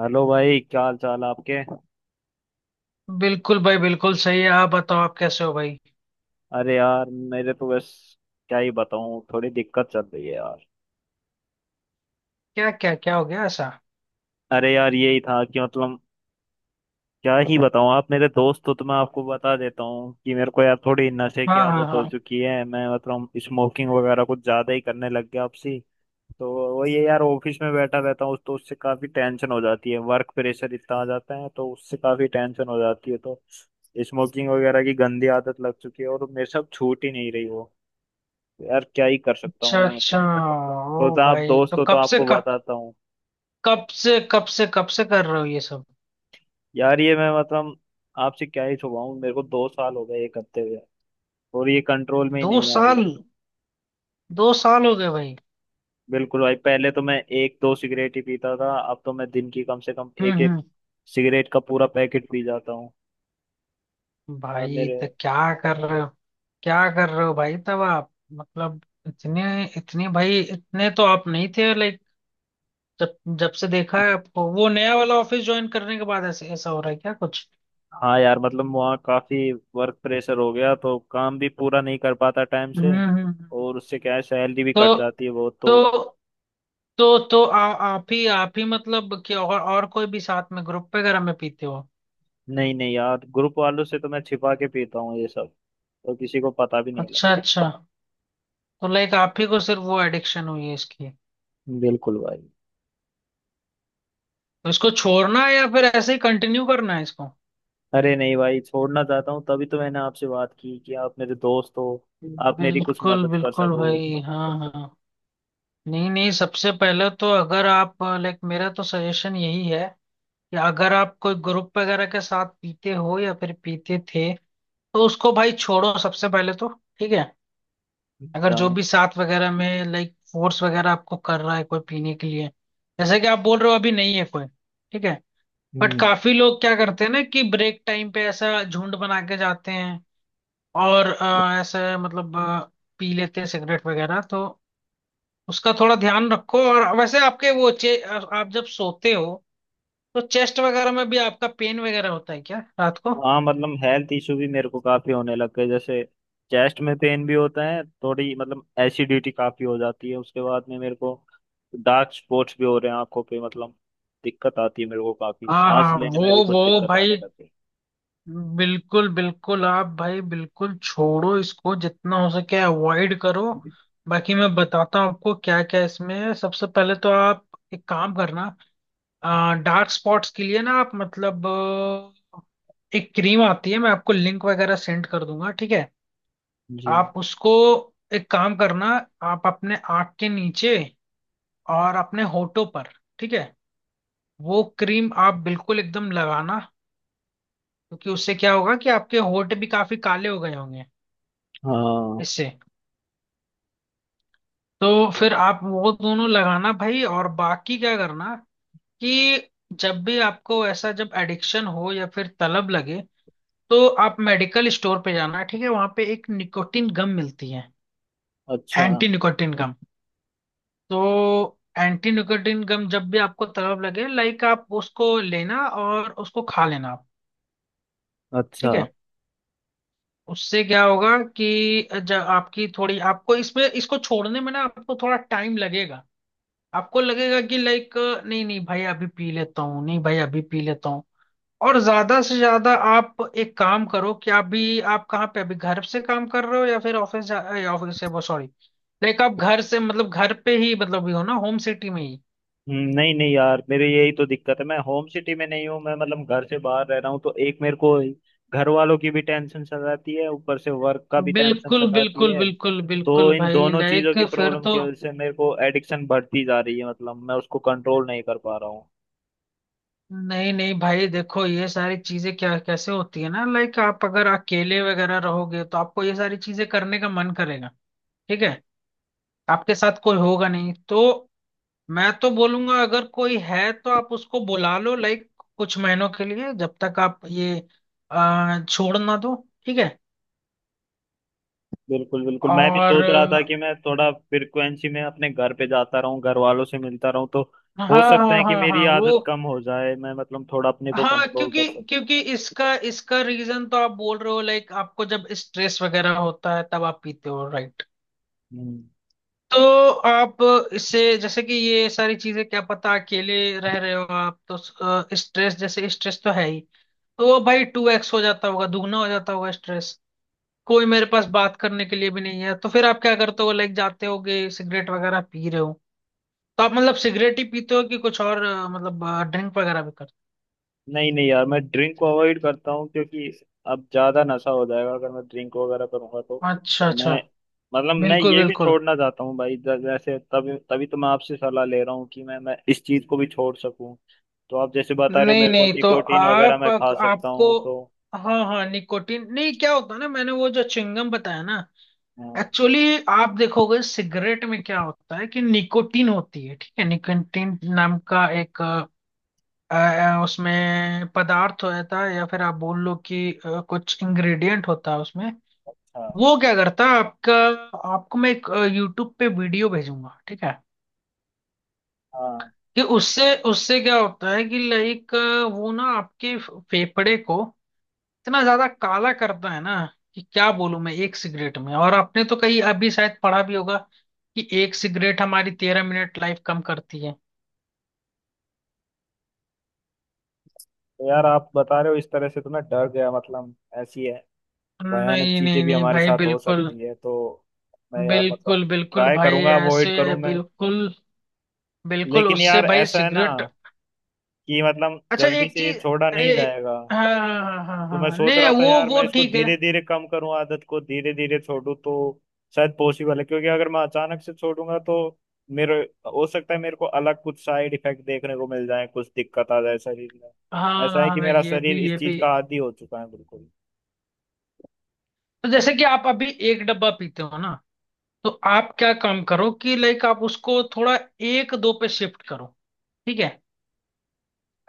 Hello भाई, क्या हाल चाल आपके। बिल्कुल भाई। बिल्कुल सही है। आप बताओ, आप कैसे हो भाई? अरे यार, मेरे तो बस क्या ही बताऊं, थोड़ी दिक्कत चल रही है यार। क्या क्या क्या हो गया ऐसा? अरे यार, यही था कि क्या ही बताऊं, आप मेरे दोस्त हो तो मैं आपको बता देता हूँ कि मेरे को यार थोड़ी नशे की हाँ, हाँ, आदत हो हाँ। चुकी है। मैं मतलब स्मोकिंग वगैरह कुछ ज्यादा ही करने लग गया आपसी। तो वही है यार, ऑफिस में बैठा रहता हूँ तो उससे काफी टेंशन हो जाती है, वर्क प्रेशर इतना आ जाता है तो उससे काफी टेंशन हो जाती है। तो स्मोकिंग वगैरह की गंदी आदत लग चुकी है और मेरे से अब छूट ही नहीं रही वो। यार, क्या ही कर सकता अच्छा, हूँ मैं अच्छा। तो, ओ तो आप भाई, तो दोस्त हो तो आपको बताता हूँ। कब से कब से कब से कर रहे हो ये सब? यार, ये मैं आपसे क्या ही छुपाऊँ, मेरे को 2 साल हो गए ये करते हुए और ये कंट्रोल में ही दो नहीं आ साल रही। 2 साल हो गए भाई? बिल्कुल भाई, पहले तो मैं 1 2 सिगरेट ही पीता था, अब तो मैं दिन की कम से कम हम्म, एक एक हम्म। सिगरेट का पूरा पैकेट पी जाता हूँ। यार भाई, मेरे। तो क्या कर रहे हो, क्या कर रहे हो भाई? तब आप मतलब इतने, इतने भाई, इतने तो आप नहीं थे। लाइक जब जब से देखा है आपको, वो नया वाला ऑफिस ज्वाइन करने के बाद ऐसे ऐसा हो रहा है क्या कुछ? हाँ यार, मतलब वहाँ काफी वर्क प्रेशर हो गया तो काम भी पूरा नहीं कर पाता टाइम से। हम्म, हम्म, और उससे क्या है, सैलरी भी कट तो जाती है बहुत तो। तो तो आप ही मतलब कि, और कोई भी साथ में ग्रुप वगैरह में पीते हो? नहीं नहीं यार, ग्रुप वालों से तो मैं छिपा के पीता हूँ ये सब, तो किसी को पता भी नहीं अच्छा, लगता। अच्छा। तो लाइक आप ही को सिर्फ वो एडिक्शन हुई है इसकी? बिल्कुल भाई। तो इसको छोड़ना है या फिर ऐसे ही कंटिन्यू करना है इसको? अरे नहीं भाई, छोड़ना चाहता हूँ, तभी तो मैंने आपसे बात की कि आप मेरे दोस्त हो, आप मेरी कुछ बिल्कुल मदद कर बिल्कुल सको। भाई। हाँ, हाँ। नहीं, नहीं, सबसे पहले तो अगर आप लाइक, मेरा तो सजेशन यही है कि अगर आप कोई ग्रुप वगैरह के साथ पीते हो या फिर पीते थे, तो उसको भाई छोड़ो सबसे पहले तो। ठीक है? अगर अच्छा। जो भी साथ वगैरह में लाइक फोर्स वगैरह आपको कर रहा है कोई पीने के लिए, जैसे कि आप बोल रहे हो अभी नहीं है कोई, ठीक है। बट हम्म। काफी लोग क्या करते हैं ना कि ब्रेक टाइम पे ऐसा झुंड बना के जाते हैं और ऐसे मतलब पी लेते हैं सिगरेट वगैरह। तो उसका थोड़ा ध्यान रखो। और वैसे आपके वो चे आप जब सोते हो तो चेस्ट वगैरह में भी आपका पेन वगैरह होता है क्या रात को? हाँ मतलब हेल्थ इशू भी मेरे को काफी होने लग गए। जैसे चेस्ट में पेन भी होता है, थोड़ी मतलब एसिडिटी काफी हो जाती है उसके बाद में मेरे को, डार्क स्पॉट्स भी हो रहे हैं आंखों पे, मतलब दिक्कत आती है मेरे को, काफी हाँ, सांस हाँ, लेने में भी वो कुछ वो दिक्कत आने भाई लग बिल्कुल, बिल्कुल आप भाई बिल्कुल छोड़ो इसको जितना हो सके, अवॉइड करो। गई। बाकी मैं बताता हूँ आपको क्या क्या इसमें है। सबसे पहले तो आप एक काम करना, डार्क स्पॉट्स के लिए ना आप मतलब एक क्रीम आती है, मैं आपको लिंक वगैरह सेंड कर दूंगा। ठीक है? जी। आप उसको एक काम करना, आप अपने आँख के नीचे और अपने होठों पर, ठीक है, वो क्रीम आप बिल्कुल एकदम लगाना। क्योंकि उससे क्या होगा कि आपके होठ भी काफी काले हो गए होंगे हाँ। इससे। तो फिर आप वो दोनों लगाना भाई। और बाकी क्या करना कि जब भी आपको ऐसा जब एडिक्शन हो या फिर तलब लगे, तो आप मेडिकल स्टोर पे जाना, ठीक है, वहां पे एक निकोटिन गम मिलती है, अच्छा एंटी निकोटिन गम। तो एंटी निकोटिन गम जब भी आपको तलब लगे लाइक, आप उसको लेना और उसको खा लेना आप। अच्छा। ठीक है? उससे क्या होगा कि जब आपकी थोड़ी आपको इसमें इसको छोड़ने में ना आपको थोड़ा टाइम लगेगा। आपको लगेगा कि लाइक, नहीं नहीं भाई अभी पी लेता हूँ, नहीं भाई अभी पी लेता हूँ। और ज्यादा से ज्यादा आप एक काम करो कि अभी आप कहाँ पे, अभी घर से काम कर रहे हो या फिर ऑफिस से, वो सॉरी, लाइक आप घर से मतलब घर पे ही मतलब भी हो ना होम सिटी में ही? नहीं नहीं यार, मेरे यही तो दिक्कत है, मैं होम सिटी में नहीं हूँ, मैं मतलब घर से बाहर रह रहा हूँ तो एक मेरे को घर वालों की भी टेंशन सताती है, ऊपर से वर्क का भी टेंशन बिल्कुल, सताती बिल्कुल, है। बिल्कुल, तो बिल्कुल इन भाई, दोनों चीजों लाइक की फिर प्रॉब्लम तो, की वजह से मेरे को एडिक्शन बढ़ती जा रही है, मतलब मैं उसको कंट्रोल नहीं कर पा रहा हूँ। नहीं, नहीं भाई देखो, ये सारी चीजें क्या कैसे होती है ना, लाइक आप अगर अकेले वगैरह रहोगे तो आपको ये सारी चीजें करने का मन करेगा। ठीक है? आपके साथ कोई होगा नहीं तो मैं तो बोलूंगा अगर कोई है तो आप उसको बुला लो लाइक कुछ महीनों के लिए, जब तक आप ये छोड़ ना दो। ठीक है? बिल्कुल बिल्कुल, मैं भी और सोच रहा था कि मैं थोड़ा फ्रिक्वेंसी में अपने घर पे जाता रहूं, घर वालों से मिलता रहूं तो हाँ, हो सकता हाँ, है कि हाँ, मेरी हाँ, वो, आदत कम हो जाए, मैं मतलब थोड़ा अपने को हाँ, कंट्रोल कर क्योंकि सकूं। क्योंकि इसका इसका रीजन तो आप बोल रहे हो लाइक आपको जब स्ट्रेस वगैरह होता है तब आप पीते हो, राइट? हम्म। तो आप इससे, जैसे कि ये सारी चीजें क्या पता अकेले रह रहे हो आप, तो स्ट्रेस, जैसे स्ट्रेस तो है ही, तो वो भाई 2x हो जाता होगा, दुगना हो जाता होगा स्ट्रेस। कोई मेरे पास बात करने के लिए भी नहीं है, तो फिर आप क्या करते हो, लाइक जाते होगे सिगरेट वगैरह पी रहे हो। तो आप मतलब सिगरेट ही पीते हो कि कुछ और मतलब ड्रिंक वगैरह भी करते नहीं नहीं यार, मैं ड्रिंक को अवॉइड करता हूँ क्योंकि अब ज्यादा नशा हो जाएगा अगर मैं ड्रिंक वगैरह करूंगा तो। हो? अच्छा, अच्छा। मैं मतलब मैं बिल्कुल, ये भी बिल्कुल। छोड़ना चाहता हूँ भाई। जैसे तभी तभी तो मैं आपसे सलाह ले रहा हूँ कि मैं इस चीज को भी छोड़ सकूं। तो आप जैसे बता रहे हो नहीं, मेरे को, नहीं तो, निकोटीन वगैरह आप मैं खा सकता आपको, हूँ तो। हाँ, हाँ, निकोटीन नहीं, क्या होता है ना, मैंने वो जो चिंगम बताया ना, हाँ एक्चुअली आप देखोगे सिगरेट में क्या होता है कि निकोटीन होती है, ठीक है, निकोटीन नाम का एक उसमें पदार्थ होता है, या फिर आप बोल लो कि कुछ इंग्रेडिएंट होता है उसमें। हाँ वो क्या करता है आपका, आपको मैं एक यूट्यूब पे वीडियो भेजूंगा, ठीक है, हाँ। कि उससे उससे क्या होता है कि लाइक वो ना आपके फेफड़े को इतना ज्यादा काला करता है ना, कि क्या बोलूं मैं एक सिगरेट में, और आपने तो कहीं अभी शायद पढ़ा भी होगा कि एक सिगरेट हमारी 13 मिनट लाइफ कम करती है। तो यार, आप बता रहे हो इस तरह से तो मैं डर गया, मतलब ऐसी है भयानक नहीं, चीजें नहीं, भी नहीं हमारे भाई, साथ हो बिल्कुल, सकती है तो। मैं यार मतलब बिल्कुल, बिल्कुल ट्राई भाई करूंगा ऐसे अवॉइड है, करूं मैं। बिल्कुल। बिल्कुल लेकिन उससे यार भाई ऐसा है ना सिगरेट, कि मतलब अच्छा जल्दी एक से ये चीज छोड़ा नहीं ए, जाएगा। हाँ, हाँ, हाँ, हाँ, तो मैं हाँ, सोच नहीं रहा था वो, यार, मैं इसको ठीक है। धीरे धीरे कम करूं, आदत को धीरे धीरे छोड़ूं तो शायद पॉसिबल है। क्योंकि अगर मैं अचानक से छोड़ूंगा तो मेरे, हो सकता है मेरे को अलग कुछ साइड इफेक्ट देखने को मिल जाए, कुछ दिक्कत आ जाए शरीर में। हाँ, ऐसा है हाँ, कि हाँ, मेरा ये भी, शरीर इस ये चीज भी। का आदी हो चुका है बिल्कुल। तो जैसे कि आप अभी एक डब्बा पीते हो ना, तो आप क्या काम करो कि लाइक आप उसको थोड़ा एक दो पे शिफ्ट करो, ठीक है,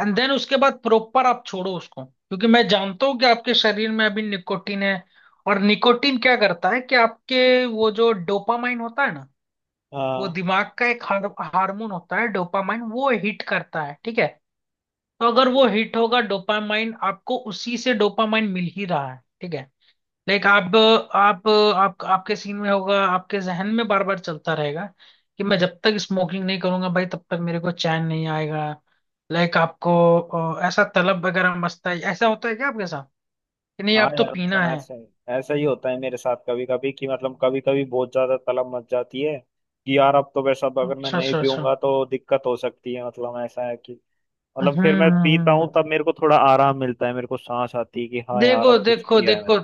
एंड देन उसके बाद प्रॉपर आप छोड़ो उसको। क्योंकि मैं जानता हूँ कि आपके शरीर में अभी निकोटीन है। और निकोटीन क्या करता है कि आपके वो जो डोपामाइन होता है ना, वो हाँ दिमाग का एक हार्मोन होता है, डोपामाइन। वो हिट करता है, ठीक है, तो अगर वो हिट होगा डोपामाइन, आपको उसी से डोपामाइन मिल ही रहा है, ठीक है, लाइक आप आपके सीन में होगा, आपके जहन में बार बार चलता रहेगा कि मैं जब तक स्मोकिंग नहीं करूंगा भाई तब तक मेरे को चैन नहीं आएगा, लाइक आपको ऐसा तलब वगैरह मस्ता है, ऐसा होता है क्या आपके साथ कि नहीं हाँ आप तो यार, पीना मतलब है? ऐसे ऐसा ही होता है मेरे साथ कभी कभी, कि मतलब कभी कभी बहुत ज्यादा तलब मच जाती है कि यार अब तो वैसा, अब अगर मैं अच्छा, नहीं अच्छा, अच्छा। पीऊंगा तो दिक्कत हो सकती है, मतलब ऐसा है कि मतलब हम्म, फिर मैं हम्म, पीता हूँ तब मेरे को थोड़ा आराम मिलता है, मेरे को सांस आती है कि हाँ यार देखो, अब कुछ देखो, किया है मैंने। देखो,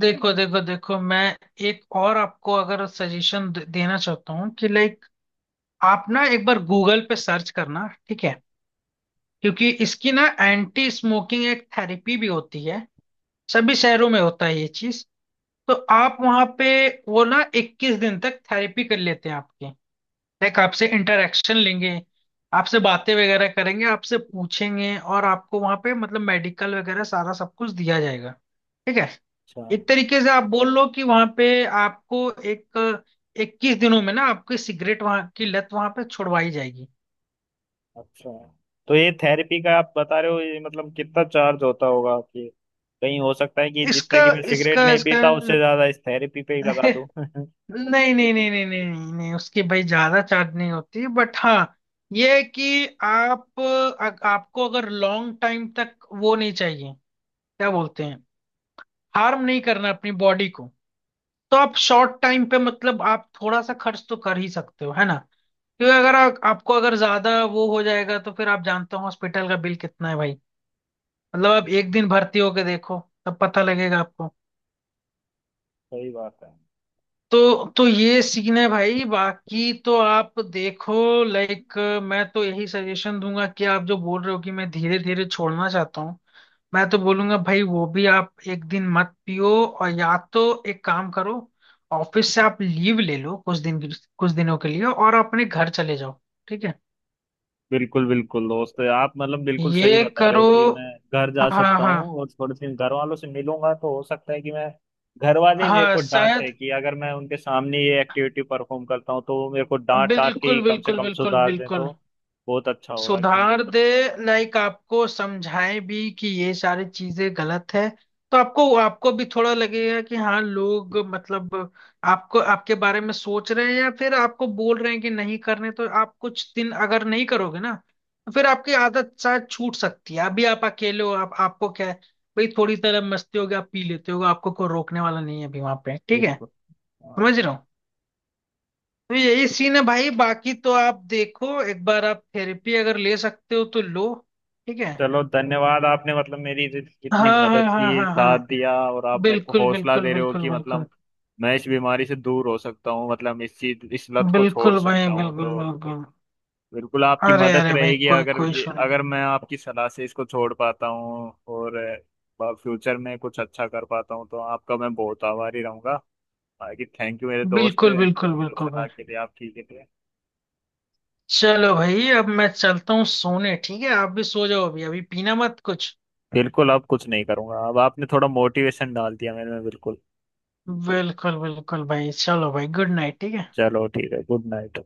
देखो, देखो, देखो, मैं एक और आपको अगर सजेशन देना चाहता हूँ कि लाइक आप ना एक बार गूगल पे सर्च करना, ठीक है, क्योंकि इसकी ना एंटी स्मोकिंग एक थेरेपी भी होती है, सभी शहरों में होता है ये चीज। तो आप वहाँ पे वो ना 21 दिन तक थेरेपी कर लेते हैं आपकी, लाइक आपसे इंटरेक्शन लेंगे, आपसे बातें वगैरह करेंगे, आपसे पूछेंगे, और आपको वहाँ पे मतलब मेडिकल वगैरह सारा सब कुछ दिया जाएगा। ठीक है? अच्छा एक तरीके से आप बोल लो कि वहां पे आपको एक 21 दिनों में ना आपकी सिगरेट, वहां की लत वहां पे छुड़वाई जाएगी। अच्छा। तो ये थेरेपी का आप बता रहे हो, ये मतलब कितना चार्ज होता होगा आपके। कहीं हो सकता है कि जितना इसका कि मैं सिगरेट इसका नहीं इसका पीता उससे ज्यादा इस थेरेपी पे ही लगा दूं। नहीं, नहीं, नहीं, नहीं, नहीं, नहीं, नहीं, उसकी भाई ज्यादा चार्ज नहीं होती, बट हाँ, ये है कि आप आपको अगर लॉन्ग टाइम तक वो नहीं चाहिए, क्या बोलते हैं, हार्म नहीं करना अपनी बॉडी को, तो आप शॉर्ट टाइम पे मतलब आप थोड़ा सा खर्च तो कर ही सकते हो, है ना? क्योंकि अगर आपको अगर ज्यादा वो हो जाएगा, तो फिर आप जानते हो हॉस्पिटल का बिल कितना है भाई, मतलब आप एक दिन भर्ती होके देखो, तब पता लगेगा आपको। सही बात है। तो ये सीन है भाई, बाकी तो आप देखो लाइक, मैं तो यही सजेशन दूंगा कि आप जो बोल रहे हो कि मैं धीरे धीरे छोड़ना चाहता हूँ, मैं तो बोलूंगा भाई वो भी आप एक दिन मत पियो, और या तो एक काम करो, ऑफिस से आप लीव ले लो कुछ दिन, कुछ दिनों के लिए, और अपने घर चले जाओ। ठीक है, बिल्कुल बिल्कुल दोस्त, आप मतलब बिल्कुल सही ये बता रहे हो करो। कि मैं घर जा हाँ, सकता हाँ, हूँ और थोड़े दिन घर वालों से मिलूंगा तो हो सकता है कि मैं, घर वाले ही मेरे हाँ, को डांटे, शायद, कि अगर मैं उनके सामने ये एक्टिविटी परफॉर्म करता हूँ तो वो मेरे को डांट डांट के ही बिल्कुल, कम से बिल्कुल, कम बिल्कुल, सुधार दें तो बिल्कुल बहुत अच्छा होगा कि। सुधार दे, लाइक आपको समझाएं भी कि ये सारी चीजें गलत है, तो आपको आपको भी थोड़ा लगेगा कि हाँ लोग मतलब आपको आपके बारे में सोच रहे हैं, या फिर आपको बोल रहे हैं कि नहीं करने, तो आप कुछ दिन अगर नहीं करोगे ना, तो फिर आपकी आदत शायद छूट सकती है। अभी आप अकेले हो, आप आपको क्या है भाई, थोड़ी तरह मस्ती होगी, आप पी लेते हो, आपको कोई रोकने वाला नहीं है अभी वहां पे। ठीक है? बिल्कुल। हाँ। समझ रहे हो? तो यही सीन है भाई, बाकी तो आप देखो एक बार आप थेरेपी अगर ले सकते हो तो लो। ठीक है? चलो धन्यवाद आपने, मतलब मेरी जितनी हाँ, हाँ, मदद की, हाँ, हाँ, हाँ, साथ दिया, और आप मेरे को बिल्कुल, हौसला बिल्कुल, दे रहे हो बिल्कुल, कि बिल्कुल, मतलब मैं इस बीमारी से दूर हो सकता हूँ, मतलब इस चीज इस लत को छोड़ बिल्कुल भाई, सकता हूँ बिल्कुल, तो। बिल्कुल। बिल्कुल आपकी अरे, मदद अरे भाई, रहेगी, कोई अगर कोई ये इशू नहीं। अगर मैं आपकी सलाह से इसको छोड़ पाता हूँ और फ्यूचर में कुछ अच्छा कर पाता हूँ तो आपका मैं बहुत आभारी रहूंगा। बाकी थैंक यू मेरे दोस्त, बिल्कुल, बिल्कुल, बिल्कुल सलाह भाई। के लिए आपकी के लिए। चलो भाई, अब मैं चलता हूँ सोने, ठीक है, आप भी सो जाओ, अभी अभी पीना मत कुछ। बिल्कुल, अब कुछ नहीं करूंगा, अब आपने थोड़ा मोटिवेशन डाल दिया मेरे में बिल्कुल। बिल्कुल, बिल्कुल भाई, चलो भाई, गुड नाइट, ठीक है। चलो ठीक है, गुड नाइट।